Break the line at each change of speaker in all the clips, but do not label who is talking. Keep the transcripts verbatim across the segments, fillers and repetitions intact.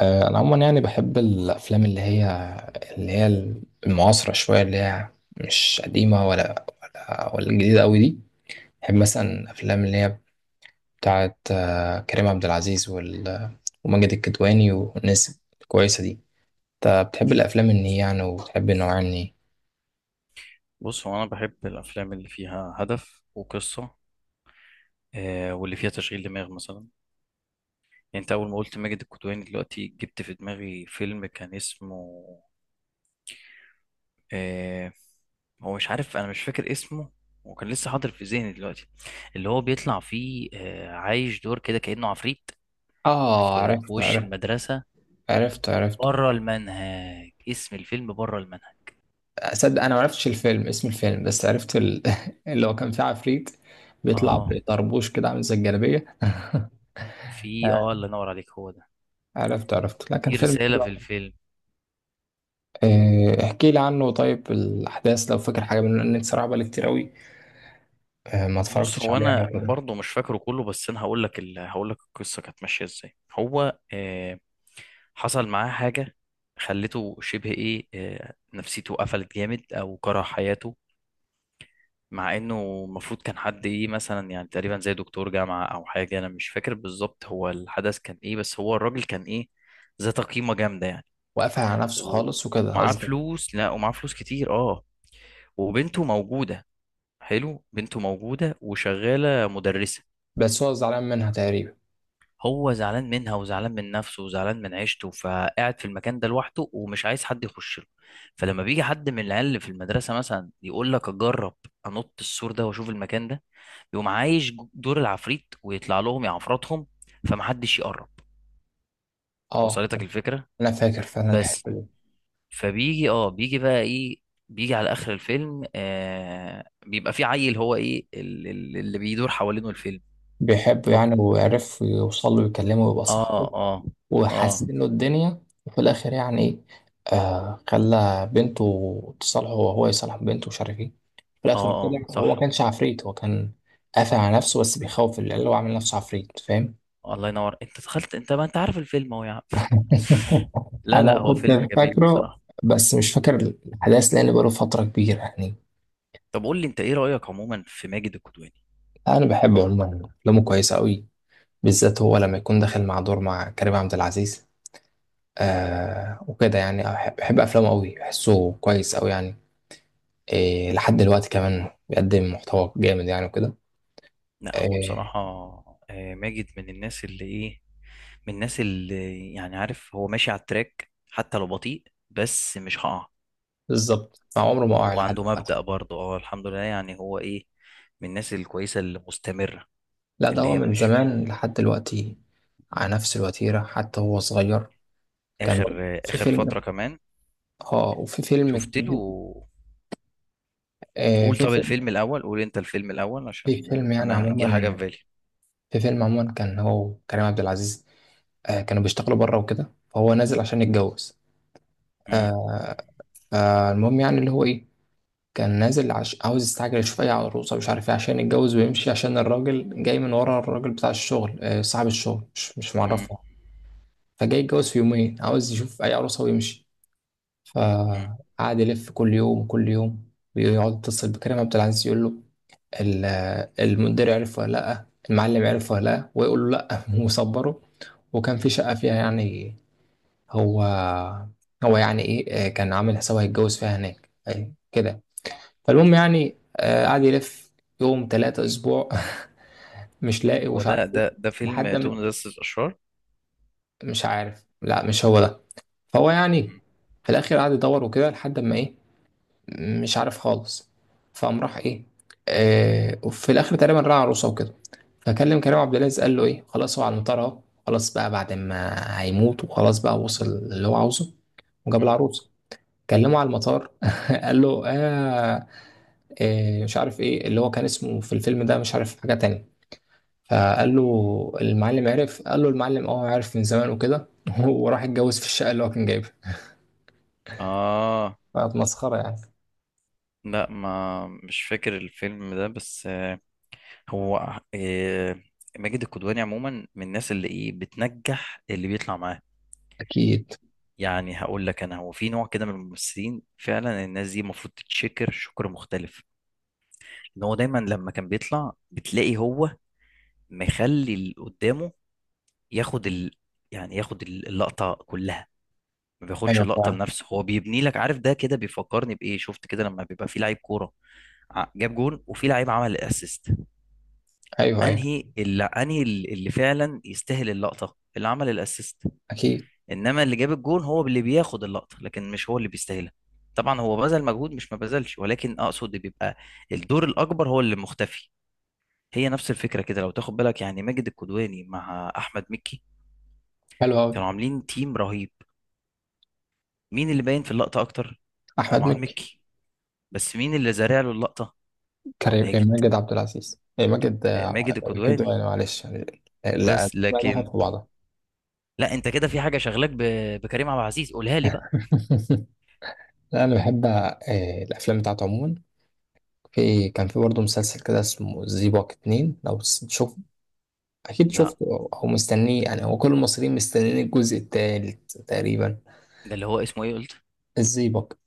آه، أنا عموما يعني بحب الأفلام اللي هي اللي هي المعاصرة شوية اللي هي مش قديمة ولا ولا ولا جديدة أوي دي. بحب مثلا أفلام اللي هي بتاعة آه، كريم عبد العزيز وال- وماجد الكدواني والناس الكويسة دي. أنت بتحب الأفلام إن هي يعني وبتحب النوع يعني؟
بص، هو انا بحب الافلام اللي فيها هدف وقصه. آه واللي فيها تشغيل دماغ مثلا. يعني انت اول ما قلت ماجد الكدواني دلوقتي جبت في دماغي فيلم كان اسمه، آه، هو مش عارف، انا مش فاكر اسمه وكان لسه حاضر في ذهني دلوقتي. اللي هو بيطلع فيه، آه، عايش دور كده كانه عفريت
آه،
في, في
عرفت
وش
عرفت.
المدرسه.
عرفت عرفت.
بره المنهج، اسم الفيلم بره المنهج.
أصدق أنا معرفتش الفيلم، اسم الفيلم، بس عرفت ال... اللي هو كان فيه عفريت بيطلع
اه،
بطربوش كده عامل زي الجلابية.
في اه، الله ينور عليك، هو ده.
عرفت عرفت، لكن
في
فيلم
رساله
حلو
في
أوي.
الفيلم.
آه، احكي لي عنه طيب الأحداث لو فاكر حاجة منه، لأن أنت صراحة بقالي كتير قوي آه، ما
بص،
اتفرجتش
هو
عليه يعني
انا
وكده.
برضه مش فاكره كله، بس انا هقول لك ال... هقول لك القصه كانت ماشيه ازاي. هو آه، حصل معاه حاجه خلته شبه ايه، آه نفسيته قفلت جامد او كره حياته. مع انه المفروض كان حد ايه مثلا، يعني تقريبا زي دكتور جامعه او حاجه، انا مش فاكر بالظبط هو الحدث كان ايه، بس هو الراجل كان ايه، ذات قيمه جامده يعني.
وقفل على نفسه
و-
خالص وكده
ومعاه
قصدي.
فلوس. لا، ومعاه فلوس كتير، اه. وبنته موجوده. حلو، بنته موجوده وشغاله مدرسه.
بس هو زعلان منها تقريبا.
هو زعلان منها وزعلان من نفسه وزعلان من عيشته، فقاعد في المكان ده لوحده ومش عايز حد يخش له. فلما بيجي حد من العيال اللي في المدرسه مثلا يقول لك اجرب، انط السور ده واشوف المكان ده، يقوم عايش جو- دور العفريت ويطلع لهم يعفرتهم. فمحدش يقرب.
اه،
وصلتك الفكره؟
أنا فاكر فعلا
بس.
الحتة دي.
فبيجي اه بيجي بقى ايه، بيجي على اخر الفيلم. آه، بيبقى في عيل هو ايه ال- ال- اللي بيدور حوالينه الفيلم.
بيحبه
اه،
يعني وعرف يوصل له ويكلمه ويبقى صاحبه
اه، اه،
وحسن له الدنيا، وفي الآخر يعني إيه آه خلى بنته تصالحه وهو يصالح بنته ومش عارف إيه. في
اه،
الآخر كده
اه،
هو ما
صح.
كانش عفريت، هو كان قافل على نفسه بس بيخوف العيال وعامل نفسه عفريت، فاهم؟
الله ينور، انت دخلت، انت ما انت عارف الفيلم اهو يا عم. لا،
انا
لا، هو
كنت
فيلم جميل
فاكره
بصراحة.
بس مش فاكر الاحداث لان بقاله فتره كبيره يعني.
طب قول لي انت، ايه رأيك عموما في ماجد الكدواني؟
انا بحب عموما افلامه، كويسه قوي، بالذات هو لما يكون داخل مع دور مع كريم عبد العزيز
مم.
آه وكده يعني. أح- بحب افلامه قوي، بحسه كويس قوي يعني. إيه لحد دلوقتي كمان بيقدم محتوى جامد يعني وكده.
لا، هو
إيه
بصراحة، آه، ماجد من الناس اللي ايه من الناس اللي يعني عارف هو ماشي على التراك حتى لو بطيء. بس مش هقع.
بالظبط، مع عمره ما وقع
هو
لحد
عنده
دلوقتي.
مبدأ برضه، اه، الحمد لله، يعني هو ايه، من الناس الكويسة اللي مستمرة.
لا ده
اللي
هو
هي
من
مش
زمان لحد دلوقتي على نفس الوتيره، حتى هو صغير كان
اخر،
برضه
آه،
في
اخر فترة
فيلم.
كمان
اه وفي فيلم
شفت له.
آه،
قول،
في
طب
في
الفيلم الاول، قول انت الفيلم الاول
في
عشان آه،
فيلم يعني
انا جه حاجة في
عموما،
بالي.
في فيلم عموما كان هو كريم عبد العزيز. آه، كانوا بيشتغلوا بره وكده، فهو نازل عشان يتجوز.
مم.
آه، فالمهم يعني اللي هو ايه، كان نازل عش... عاوز يستعجل يشوف اي عروسه مش عارف ايه عشان يتجوز ويمشي، عشان الراجل جاي من ورا، الراجل بتاع الشغل آه، صاحب الشغل مش مش
مم.
معرفه. فجاي يتجوز في يومين، عاوز يشوف اي عروسه ويمشي،
مم.
فقعد يلف كل يوم كل يوم ويقعد يتصل بكريم عبد العزيز يقول له ال- المدير عرف ولا لأ، المعلم عرف ولا لأ، ويقول له لأ وصبره. وكان في شقة فيها يعني هو هو يعني إيه آه، كان عامل حسابه هيتجوز فيها هناك أي كده. فالمهم يعني آه، قعد يلف يوم تلاتة أسبوع مش لاقي
هو
ومش عارف
ده
إيه
ده ده فيلم
لحد
توم
ما،
مدرسة الأشرار؟
مش عارف، لا مش هو ده. فهو يعني
مم.
في الآخر قعد يدور وكده لحد ما إيه مش عارف خالص، فقام راح إيه آه، وفي الآخر تقريبا راح عروسة وكده فكلم كريم عبد العزيز قال له ايه خلاص هو على المطار اهو، خلاص بقى بعد ما هيموت، وخلاص بقى وصل اللي هو عاوزه وجاب
مم.
العروسه. كلمه على المطار قال له آه إيه مش عارف ايه اللي هو كان اسمه في الفيلم ده مش عارف حاجه تانية. فقال له المعلم عرف، قال له المعلم اه عارف من زمان وكده. وراح اتجوز في الشقه اللي هو كان جايبها،
آه،
فكانت مسخره يعني.
لا، ما مش فاكر الفيلم ده، بس آه، هو آه، ماجد الكدواني عموما من الناس اللي إيه بتنجح، اللي بيطلع معاه.
اكيد.
يعني هقول لك أنا، هو في نوع كده من الممثلين، فعلا الناس دي المفروض تتشكر شكر مختلف. إن هو دايما لما كان بيطلع بتلاقي هو مخلي اللي قدامه ياخد ال يعني ياخد اللقطة كلها. ما بياخدش
ايوه
اللقطه
فعلا.
لنفسه، هو بيبني لك، عارف ده كده بيفكرني بايه، شفت كده لما بيبقى في لعيب كوره، ع- جاب جون وفي لعيب عمل اسيست،
ايوه ايوه.
انهي اللي انهي ال- اللي فعلا يستاهل اللقطه، اللي عمل الاسيست.
اكيد.
انما اللي جاب الجون هو اللي بياخد اللقطه، لكن مش هو اللي بيستاهلها. طبعا هو بذل مجهود، مش ما بذلش، ولكن اقصد بيبقى الدور الاكبر هو اللي مختفي. هي نفس الفكره كده لو تاخد بالك، يعني ماجد الكدواني مع احمد مكي
حلو قوي.
كانوا عاملين تيم رهيب. مين اللي باين في اللقطه اكتر؟
احمد
طبعا
مكي.
مكي. بس مين اللي زارع له اللقطه؟
كريم إيه،
ماجد.
ماجد عبد العزيز إيه، ماجد.
آه،
آه،
ماجد
كده
الكدواني.
يعني معلش يعني- آه، لا،
بس،
ما
لكن
دخلت في بعضها.
لا، انت كده في حاجه شغلك ب... بكريم عبد العزيز، قولها لي بقى.
لا انا بحب آه، الافلام بتاعته عموما. في كان في برضه مسلسل كده اسمه زيبوك اتنين لو س- شوف، اكيد
لا،
شفته او أو مستنيه يعني، هو كل المصريين مستنيين الجزء التالت تقريبا.
ده اللي هو اسمه ايه قلت؟
الزيبوك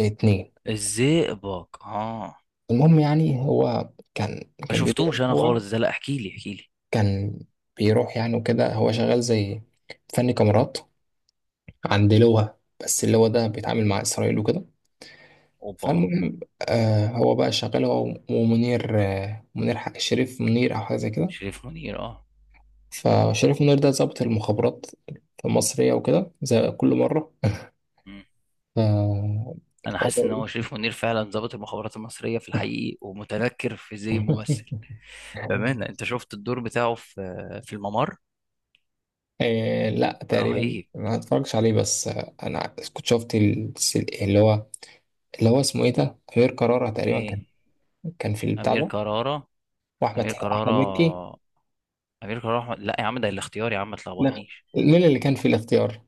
اتنين.
الزئبق، اه.
المهم يعني هو كان
ما
كان بيدور.
شفتوش انا
هو
خالص ده، لا احكي لي، احكي لي.
كان بيروح يعني وكده هو شغال زي فني كاميرات عند لواء، بس اللواء ده بيتعامل مع إسرائيل وكده.
اوبا!
فالمهم آه هو بقى شغال هو. ومنير آه منير ح- شريف منير أو حاجة زي كده.
شريف منير، اه.
فشريف منير ده ضابط المخابرات المصرية وكده زي كل مرة.
مم.
ف
انا
هو
حاسس ان
بقى
هو شريف منير فعلا ظابط المخابرات المصريه في الحقيقي ومتنكر في زي ممثل.
إيه؟
بامانه، انت شفت الدور بتاعه في في الممر؟
آه لا تقريبا
رهيب.
ما اتفرجش عليه بس آه، انا كنت شفت ال- اللي هو اللي هو اسمه ايه ده، غير قرارة تقريبا، كان
ايه؟
كان في البتاع
امير
ده،
كرارة.
واحمد
امير كرارة.
احمد مكي.
امير كرارة واحمد، لا يا عم، ده الاختيار يا عم، ما
لا،
تلخبطنيش.
مين اللي كان في الاختيار؟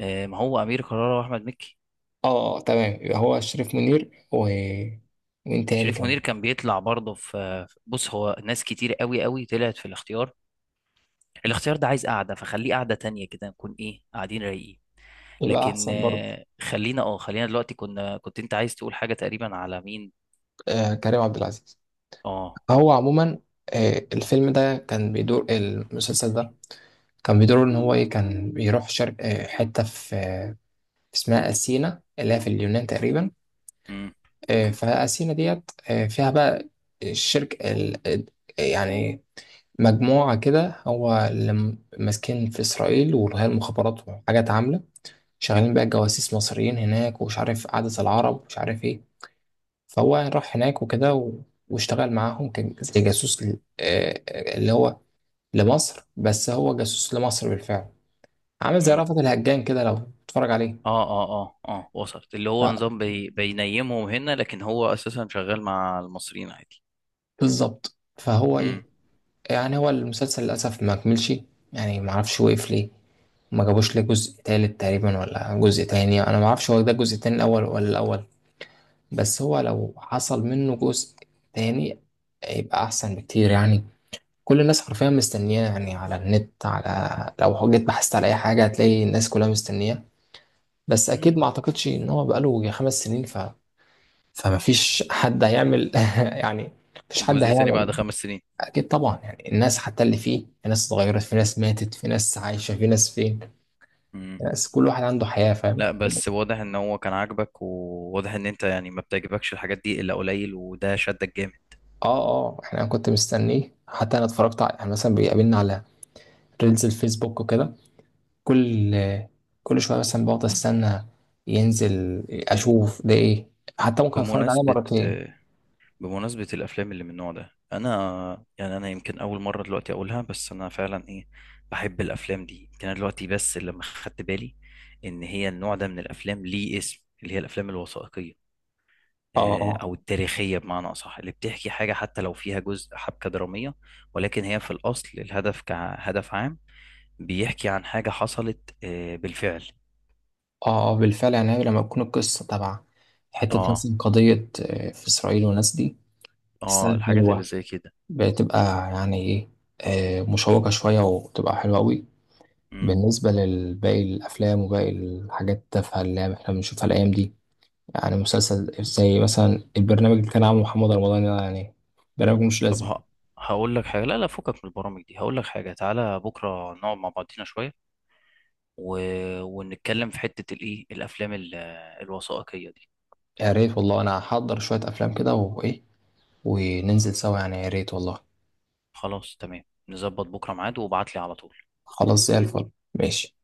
آه، ما هو امير كرارة واحمد مكي.
اه تمام، يبقى هو شريف منير و مين تاني
شريف
كان.
منير كان بيطلع برضه في في- بص، هو ناس كتير قوي قوي طلعت في الاختيار. الاختيار ده عايز قعده، فخليه قعده تانية كده نكون ايه قاعدين رايقين.
يبقى
لكن
احسن برضه.
آه، خلينا اه خلينا دلوقتي، كنا كنت انت عايز تقول حاجه تقريبا على مين؟
آه كريم عبد العزيز
اه.
هو عموما، آه الفيلم ده كان بيدور، المسلسل ده كان بيدور ان هو ايه كان بيروح شرق آه حته في آه اسمها اثينا اللي هي في اليونان تقريبا.
امم.
آه فاثينا ديت آه فيها بقى الشرك ال... ال- يعني مجموعه كده هو اللي م- ماسكين في اسرائيل والغايه المخابرات وحاجات عامله شغالين بقى جواسيس مصريين هناك، ومش عارف عادة العرب ومش عارف ايه. فهو راح هناك وكده و... واشتغل معاهم كان زي جاسوس ل... آه، آه، اللي هو لمصر، بس هو جاسوس لمصر بالفعل، عامل زي
امم.
رأفت الهجان كده لو تتفرج عليه.
اه، اه، اه، اه، وصلت. اللي هو
ف...
نظام بي بينيمهم هنا، لكن هو اساسا شغال مع المصريين عادي.
بالظبط فهو
امم.
ايه يعني. هو المسلسل للأسف ما كملش يعني، ما اعرفش وقف ليه، ما جابوش ليه جزء تالت تقريبا ولا جزء تاني، انا ما اعرفش هو ده الجزء التاني الاول ولا الاول. بس هو لو حصل منه جزء تاني هيبقى أحسن بكتير يعني، كل الناس حرفيا مستنياه يعني. على النت، على لو جيت بحثت على أي حاجة هتلاقي الناس كلها مستنياه، بس
امم.
أكيد ما أعتقدش إن هو بقاله يجي خمس سنين ف... فما فيش حد هيعمل يعني، مفيش حد
جزء تاني بعد
هيعمل.
خمس سنين؟
أكيد طبعا، يعني الناس حتى اللي فيه، في ناس اتغيرت، في ناس ماتت، في ناس عايشة، في ناس فين، في ناس كل واحد عنده حياة، فاهم؟
لا، بس
بس
واضح ان هو كان عاجبك، وواضح ان انت يعني ما بتعجبكش الحاجات دي الا قليل، وده شدك جامد.
اه اه احنا أنا كنت مستنيه، حتى انا اتفرجت على يعني مثلا بيقابلنا على ريلز الفيسبوك وكده، كل كل شويه مثلا بقعد استنى ينزل
أن-
اشوف ده ايه، حتى ممكن اتفرج عليه
بمناسبة
مرتين.
بمناسبة الافلام اللي من النوع ده، انا يعني انا يمكن اول مرة دلوقتي اقولها، بس انا فعلا ايه، بحب الافلام دي. يمكن انا دلوقتي بس لما خدت بالي ان هي النوع ده من الافلام ليه اسم، اللي هي الافلام الوثائقية،
اه
آه،
اه
او التاريخية بمعنى اصح، اللي بتحكي حاجة حتى لو فيها جزء حبكة درامية، ولكن هي في الاصل الهدف كهدف عام بيحكي عن حاجة حصلت آه، بالفعل.
اه. آه، بالفعل، يعني لما تكون القصه تبع حته
اه،
مثلا قضيه آه، في اسرائيل والناس دي
اه،
تستاهل،
الحاجات اللي
حلوه،
زي كده.
بتبقى يعني ايه آه، مشوقه شويه وبتبقى حلوه قوي،
مم.
بالنسبه لباقي الافلام وباقي الحاجات التافهه اللي احنا بنشوفها الايام دي. يعني مسلسل زي مثلا البرنامج اللي كان عامله محمد رمضان ده يعني، برنامج مش
طب
لازم.
ه... هقول لك حاجة. لا، لا، فكك من البرامج دي، هقول لك حاجة: تعالى بكرة نقعد مع بعضينا شوية و... ونتكلم في حتة الايه، الافلام ال- الوثائقية دي.
يا ريت والله، انا هحضر شوية افلام كده وايه وننزل سوا يعني، يا ريت والله.
خلاص، تمام. نظبط بكرة ميعاد وابعت لي على طول.
خلاص زي الفل، ماشي.